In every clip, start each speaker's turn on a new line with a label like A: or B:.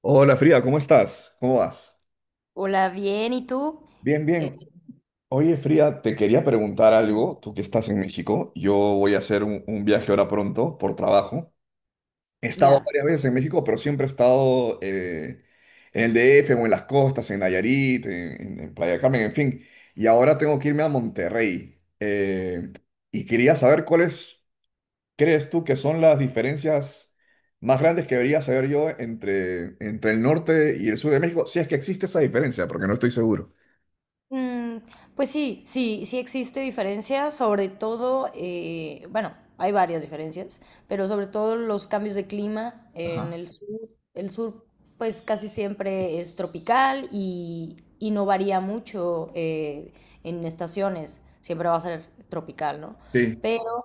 A: Hola Frida, ¿cómo estás? ¿Cómo vas?
B: Hola, bien, ¿y tú?
A: Bien,
B: Eh,
A: bien. Oye Frida, te quería preguntar algo, tú que estás en México. Yo voy a hacer un viaje ahora pronto por trabajo. He estado
B: Ya.
A: varias veces en México, pero siempre he estado en el DF o en las costas, en Nayarit, en Playa del Carmen, en fin. Y ahora tengo que irme a Monterrey. Y quería saber cuáles crees tú que son las diferencias más grandes que debería saber yo entre el norte y el sur de México. Si es que existe esa diferencia, porque no estoy seguro.
B: mm, pues sí, sí, sí existe diferencia, sobre todo, bueno, hay varias diferencias, pero sobre todo los cambios de clima en
A: Ajá.
B: el sur. El sur, pues casi siempre es tropical y no varía mucho en estaciones, siempre va a ser tropical, ¿no?
A: Sí,
B: Pero,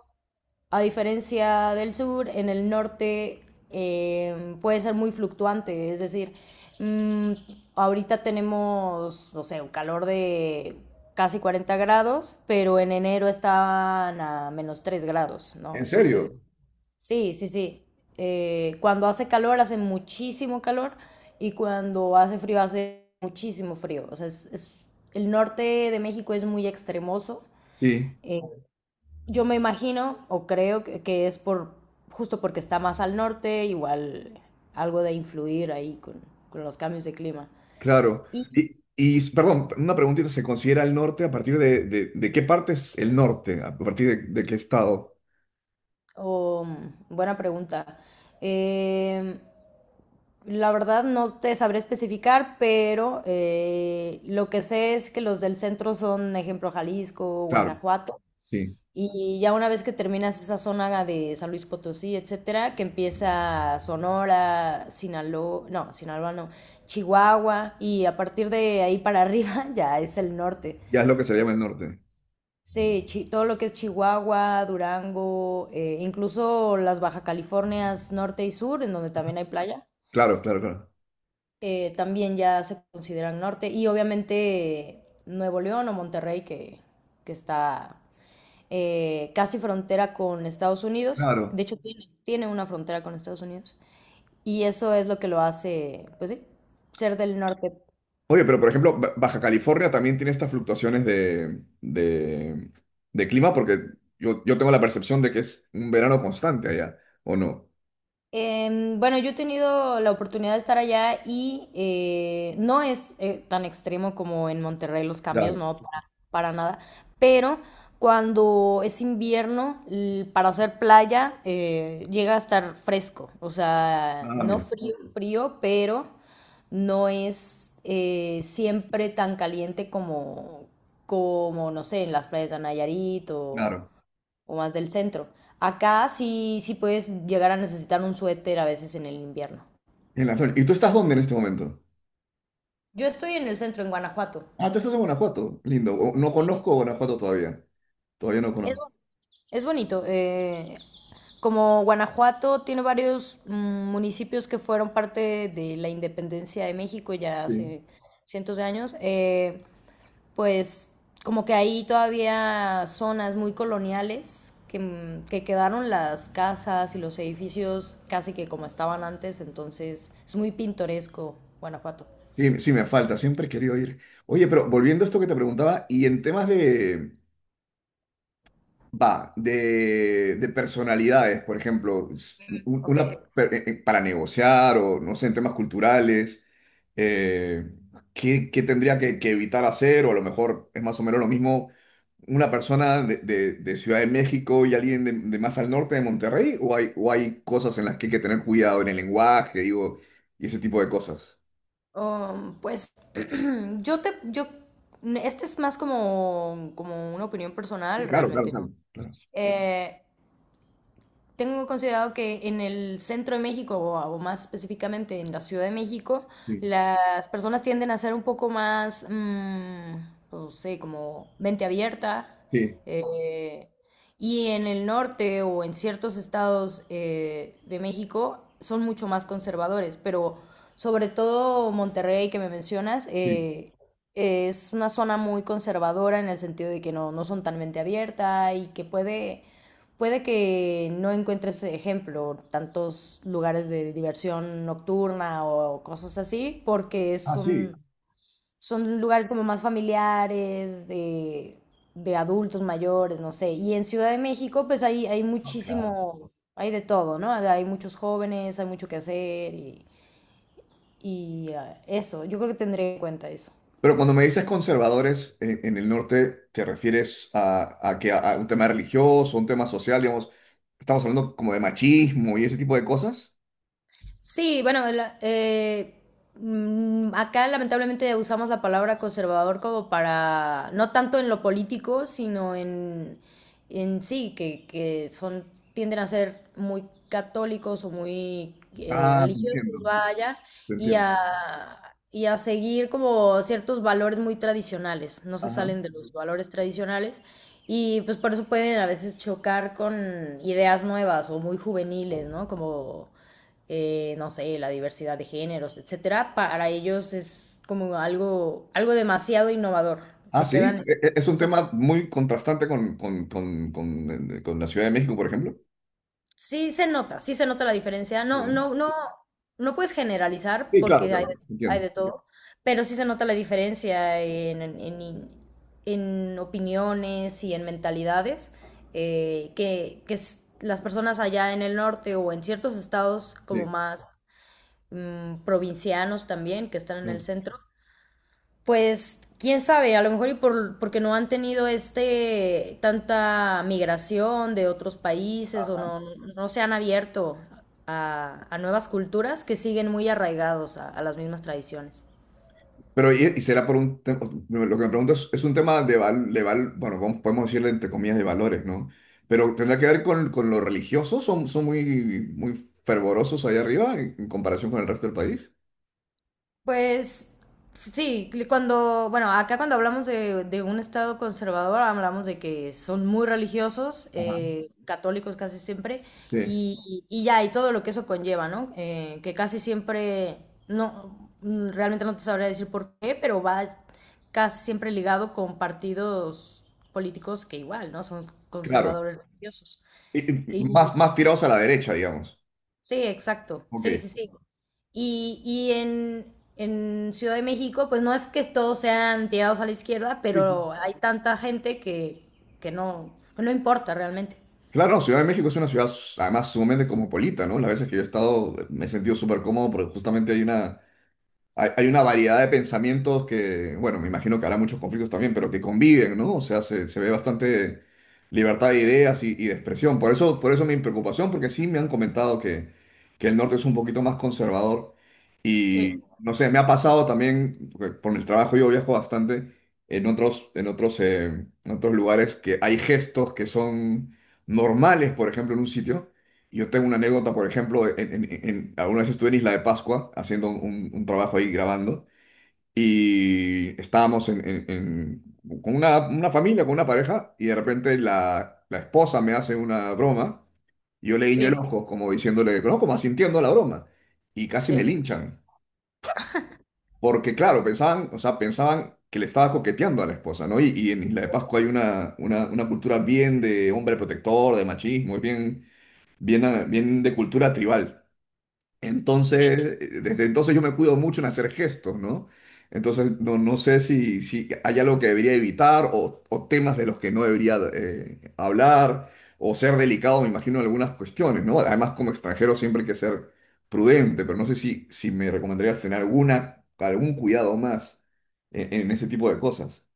B: a diferencia del sur, en el norte puede ser muy fluctuante, es decir, mmm, ahorita tenemos, no sé, un calor de casi 40 grados, pero en enero estaban a -3 grados, ¿no?
A: en
B: Entonces,
A: serio.
B: sí, sí, sí. Cuando hace calor, hace muchísimo calor, y cuando hace frío, hace muchísimo frío. O sea, el norte de México es muy extremoso.
A: Sí,
B: eh, yo me imagino o creo que, es por justo porque está más al norte, igual algo de influir ahí con los cambios de clima.
A: claro.
B: Y,
A: Perdón, una preguntita, ¿se considera el norte a partir de, de qué parte es el norte? ¿A partir de qué estado?
B: oh, buena pregunta. Eh, la verdad no te sabré especificar, pero lo que sé es que los del centro son, ejemplo, Jalisco,
A: Claro,
B: Guanajuato.
A: sí.
B: Y ya una vez que terminas esa zona de San Luis Potosí, etcétera, que empieza Sonora, Sinaloa no, Chihuahua, y a partir de ahí para arriba ya es el norte.
A: Ya es lo que se llama el norte.
B: Sí, todo lo que es Chihuahua, Durango, incluso las Baja Californias norte y sur, en donde también hay playa,
A: Claro, claro, claro.
B: también ya se consideran norte. Y obviamente Nuevo León o Monterrey, que, está casi frontera con Estados Unidos.
A: Claro.
B: De hecho, tiene una frontera con Estados Unidos. Y eso es lo que lo hace, pues sí, ser del norte.
A: Oye, pero por ejemplo, Baja California también tiene estas fluctuaciones de clima porque yo tengo la percepción de que es un verano constante allá, ¿o no?
B: Bueno, yo he tenido la oportunidad de estar allá y no es tan extremo como en Monterrey los cambios,
A: Claro.
B: no, para nada, pero cuando es invierno, para hacer playa, llega a estar fresco, o sea,
A: Ah,
B: no
A: mira,
B: frío, frío, pero no es siempre tan caliente como, no sé, en las playas de Nayarit o
A: claro.
B: o más del centro. Acá sí, sí puedes llegar a necesitar un suéter a veces en el invierno.
A: En la noche. ¿Y tú estás dónde en este momento?
B: Yo estoy en el centro, en Guanajuato.
A: Ah, tú estás en Guanajuato. Lindo. No
B: Sí.
A: conozco Guanajuato todavía. Todavía no
B: Es,
A: conozco.
B: bo- es bonito. Como Guanajuato tiene varios municipios que fueron parte de la independencia de México ya
A: Sí.
B: hace cientos de años, pues como que hay todavía zonas muy coloniales que quedaron las casas y los edificios casi que como estaban antes, entonces es muy pintoresco Guanajuato.
A: Sí, sí, me falta. Siempre he querido ir. Oye, pero volviendo a esto que te preguntaba, y en temas de, va, de personalidades, por ejemplo,
B: Ok.
A: una, para negociar o no sé, en temas culturales, eh, ¿qué, qué tendría que evitar hacer? O a lo mejor es más o menos lo mismo una persona de Ciudad de México y alguien de más al norte de Monterrey, o hay cosas en las que hay que tener cuidado en el lenguaje, digo, y ese tipo de cosas.
B: Pues yo, este es más como, una opinión
A: Sí,
B: personal,
A: claro, claro,
B: realmente no.
A: claro, claro.
B: Eh, Tengo considerado que en el centro de México, o más específicamente en la Ciudad de México,
A: Sí,
B: las personas tienden a ser un poco más, no sé, como mente abierta.
A: sí,
B: eh, y en el norte o en ciertos estados de México son mucho más conservadores, pero sobre todo Monterrey que me mencionas,
A: sí.
B: es una zona muy conservadora en el sentido de que no, no son tan mente abierta y que puede que no encuentres ejemplo, tantos lugares de diversión nocturna o cosas así, porque
A: Ah, sí.
B: son lugares como más familiares, de adultos mayores, no sé. Y en Ciudad de México, pues hay
A: Ah, claro.
B: muchísimo, hay de todo, ¿no? Hay muchos jóvenes, hay mucho que hacer y, ah, eso, yo creo que tendré en cuenta eso.
A: Pero cuando me dices conservadores en el norte, ¿te refieres a que a un tema religioso, un tema social, digamos? Estamos hablando como de machismo y ese tipo de cosas.
B: Sí, bueno, acá lamentablemente usamos la palabra conservador como para, no tanto en lo político, sino en sí, que, son, tienden a ser muy católicos o muy
A: Ah, te
B: religiosos,
A: entiendo,
B: vaya,
A: te
B: y
A: entiendo.
B: a, y a seguir como ciertos valores muy tradicionales, no se
A: Ajá.
B: salen de los valores tradicionales. Y pues por eso pueden a veces chocar con ideas nuevas o muy juveniles, ¿no? Como, no sé, la diversidad de géneros, etcétera, para ellos es como algo, algo demasiado innovador.
A: Ah,
B: Se
A: sí,
B: quedan.
A: es un
B: se-
A: tema muy contrastante con la Ciudad de México, por ejemplo.
B: sí se nota, sí se nota la diferencia. No, no, no, no puedes generalizar
A: Sí, claro,
B: porque
A: claro,
B: hay
A: entiendo.
B: de todo, pero sí se nota la diferencia en opiniones y en mentalidades que, las personas allá en el norte o en ciertos estados como más provincianos también, que están en el
A: Sí.
B: centro, pues quién sabe, a lo mejor y porque no han tenido tanta migración de otros países o no, no se han abierto a nuevas culturas que siguen muy arraigados a las mismas tradiciones.
A: Pero, ¿y será por un tema? Lo que me pregunto es un tema de, val, bueno, podemos decirle entre comillas de valores, ¿no? Pero ¿tendrá que ver con los religiosos? ¿Son, son muy, muy fervorosos allá arriba en comparación con el resto del país?
B: Pues sí, cuando, bueno, acá cuando hablamos de un estado conservador, hablamos de que son muy religiosos,
A: Ajá.
B: católicos casi siempre,
A: Sí,
B: y, ya, y todo lo que eso conlleva, ¿no? Que casi siempre, no, realmente no te sabría decir por qué, pero va casi siempre ligado con partidos políticos que igual, ¿no? Son
A: claro.
B: conservadores religiosos.
A: Y, y más, más tirados a la derecha, digamos.
B: Sí, exacto.
A: Ok.
B: Sí, sí, sí. Y en Ciudad de México, pues no es que todos sean tirados a la izquierda,
A: Sí, sí.
B: pero hay tanta gente que, no, que no importa realmente.
A: Claro, Ciudad de México es una ciudad además sumamente cosmopolita, ¿no? Las veces que yo he estado me he sentido súper cómodo porque justamente hay una, hay una variedad de pensamientos que, bueno, me imagino que habrá muchos conflictos también, pero que conviven, ¿no? O sea, se ve bastante libertad de ideas y de expresión. Por eso mi preocupación, porque sí me han comentado que el norte es un poquito más conservador.
B: Sí,
A: Y no sé, me ha pasado también, porque por mi trabajo yo viajo bastante en otros lugares que hay gestos que son normales, por ejemplo, en un sitio. Y yo tengo una anécdota, por ejemplo, alguna vez estuve en Isla de Pascua haciendo un trabajo ahí grabando y estábamos con una familia, con una pareja y de repente la, la esposa me hace una broma. Yo le guiño el
B: sí,
A: ojo como diciéndole, no, como asintiendo a la broma y casi
B: sí,
A: me linchan. Porque claro, pensaban, o sea, pensaban que le estaba coqueteando a la esposa, ¿no? Y en Isla de Pascua hay una cultura bien de hombre protector, de machismo, es bien, bien, ah, bien de cultura tribal.
B: sí.
A: Entonces, desde entonces yo me cuido mucho en hacer gestos, ¿no? Entonces, no, no sé si, si hay algo que debería evitar o temas de los que no debería hablar o ser delicado, me imagino, en algunas cuestiones, ¿no? Además, como extranjero siempre hay que ser prudente, pero no sé si, si me recomendarías tener alguna, algún cuidado más en ese tipo de cosas.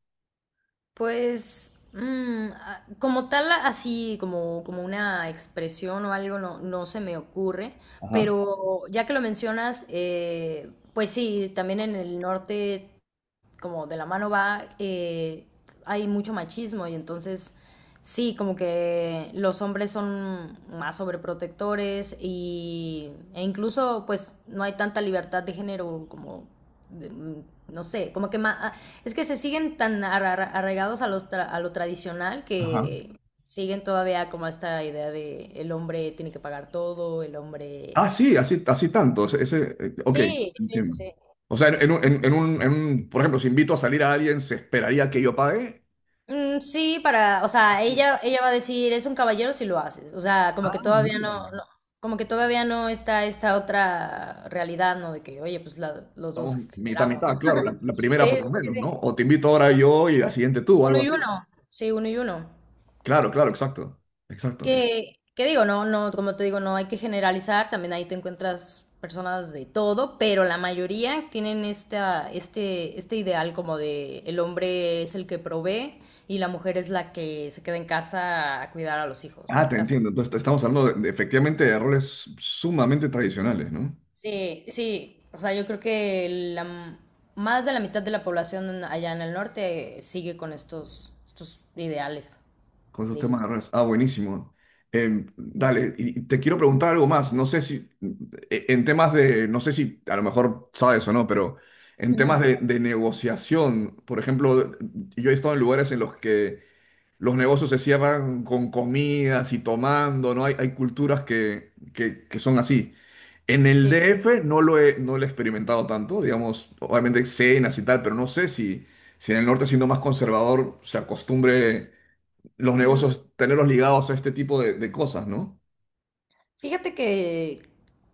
B: Pues como tal, así como, una expresión o algo, no, no se me ocurre,
A: Ajá.
B: pero ya que lo mencionas, pues sí, también en el norte como de la mano va, hay mucho machismo y entonces sí, como que los hombres son más sobreprotectores y, e incluso pues no hay tanta libertad de género como, de- no sé, como que es que se siguen tan arraigados a lo tradicional
A: Ajá.
B: que siguen todavía como esta idea de el hombre tiene que pagar todo, el hombre...
A: Ah, sí, así, así tanto. Ese, ok,
B: Sí, sí, sí,
A: entiendo.
B: sí.
A: O sea, por ejemplo, si invito a salir a alguien, ¿se esperaría que yo pague?
B: Mm, sí, o sea,
A: Así.
B: ella va a decir, es un caballero si lo haces. O sea, como
A: Ah,
B: que todavía no,
A: mira.
B: como que todavía no está esta otra realidad, ¿no? De que, oye, pues los dos
A: Vamos, mitad,
B: generamos,
A: mitad,
B: ¿no?
A: claro, la
B: Sí,
A: primera por
B: sí,
A: lo
B: sí.
A: menos, ¿no?
B: Sí.
A: O te invito ahora yo y la siguiente tú, o
B: Uno
A: algo
B: y
A: así.
B: uno. Sí, uno y uno.
A: Claro, claro, exacto, exacto.
B: Que, digo, no, no, como te digo, no hay que generalizar, también ahí te encuentras personas de todo, pero la mayoría tienen este ideal como de el hombre es el que provee y la mujer es la que se queda en casa a cuidar a los hijos,
A: Ah,
B: ¿no?
A: te entiendo. Entonces, estamos hablando efectivamente de roles sumamente tradicionales, ¿no?
B: Sí, sí, o sea, yo creo que la, m- más de la mitad de la población allá en el norte sigue con estos ideales
A: Con esos
B: de vida.
A: temas de redes. Ah, buenísimo. Dale, y te quiero preguntar algo más. No sé si, en temas de, no sé si a lo mejor sabes o no, pero en temas
B: Ujú.
A: de negociación, por ejemplo, yo he estado en lugares en los que los negocios se cierran con comidas y tomando, ¿no? Hay culturas que son así. En el
B: Sí.
A: DF no lo he, no lo he experimentado tanto, digamos, obviamente cenas y tal, pero no sé si, si en el norte siendo más conservador se acostumbre los
B: Ujú.
A: negocios, tenerlos ligados a este tipo de cosas, ¿no?
B: Fíjate que,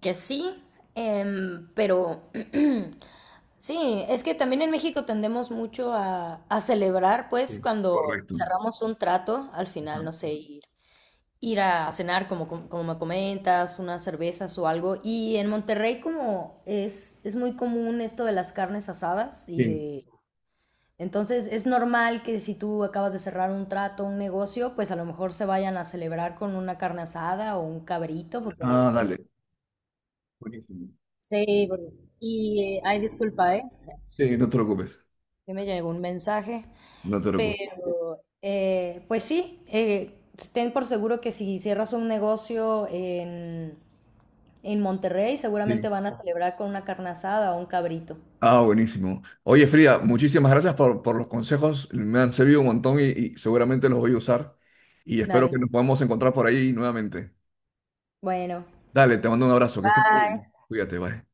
B: sí, pero sí, es que también en México tendemos mucho a celebrar, pues,
A: Sí,
B: cuando
A: correcto.
B: cerramos un trato al
A: Ajá.
B: final, no sé, ir a cenar, como, como me comentas, unas cervezas o algo. Y en Monterrey como es muy común esto de las carnes asadas y
A: Sí,
B: de... Entonces es normal que si tú acabas de cerrar un trato, un negocio, pues a lo mejor se vayan a celebrar con una carne asada o un cabrito, porque...
A: ah, dale. Buenísimo.
B: Sí, bueno, y ay, disculpa, ¿eh?
A: Sí, no te preocupes.
B: Que me llegó un mensaje,
A: No te preocupes.
B: pero pues sí, ten por seguro que si cierras un negocio en Monterrey seguramente
A: Sí.
B: van a celebrar con una carne asada o un cabrito.
A: Ah, buenísimo. Oye, Frida, muchísimas gracias por los consejos. Me han servido un montón y seguramente los voy a usar. Y espero que
B: Dale.
A: nos podamos encontrar por ahí nuevamente.
B: Bueno.
A: Dale, te mando un abrazo. Que estés muy
B: Bye.
A: bien. Cuídate, bye.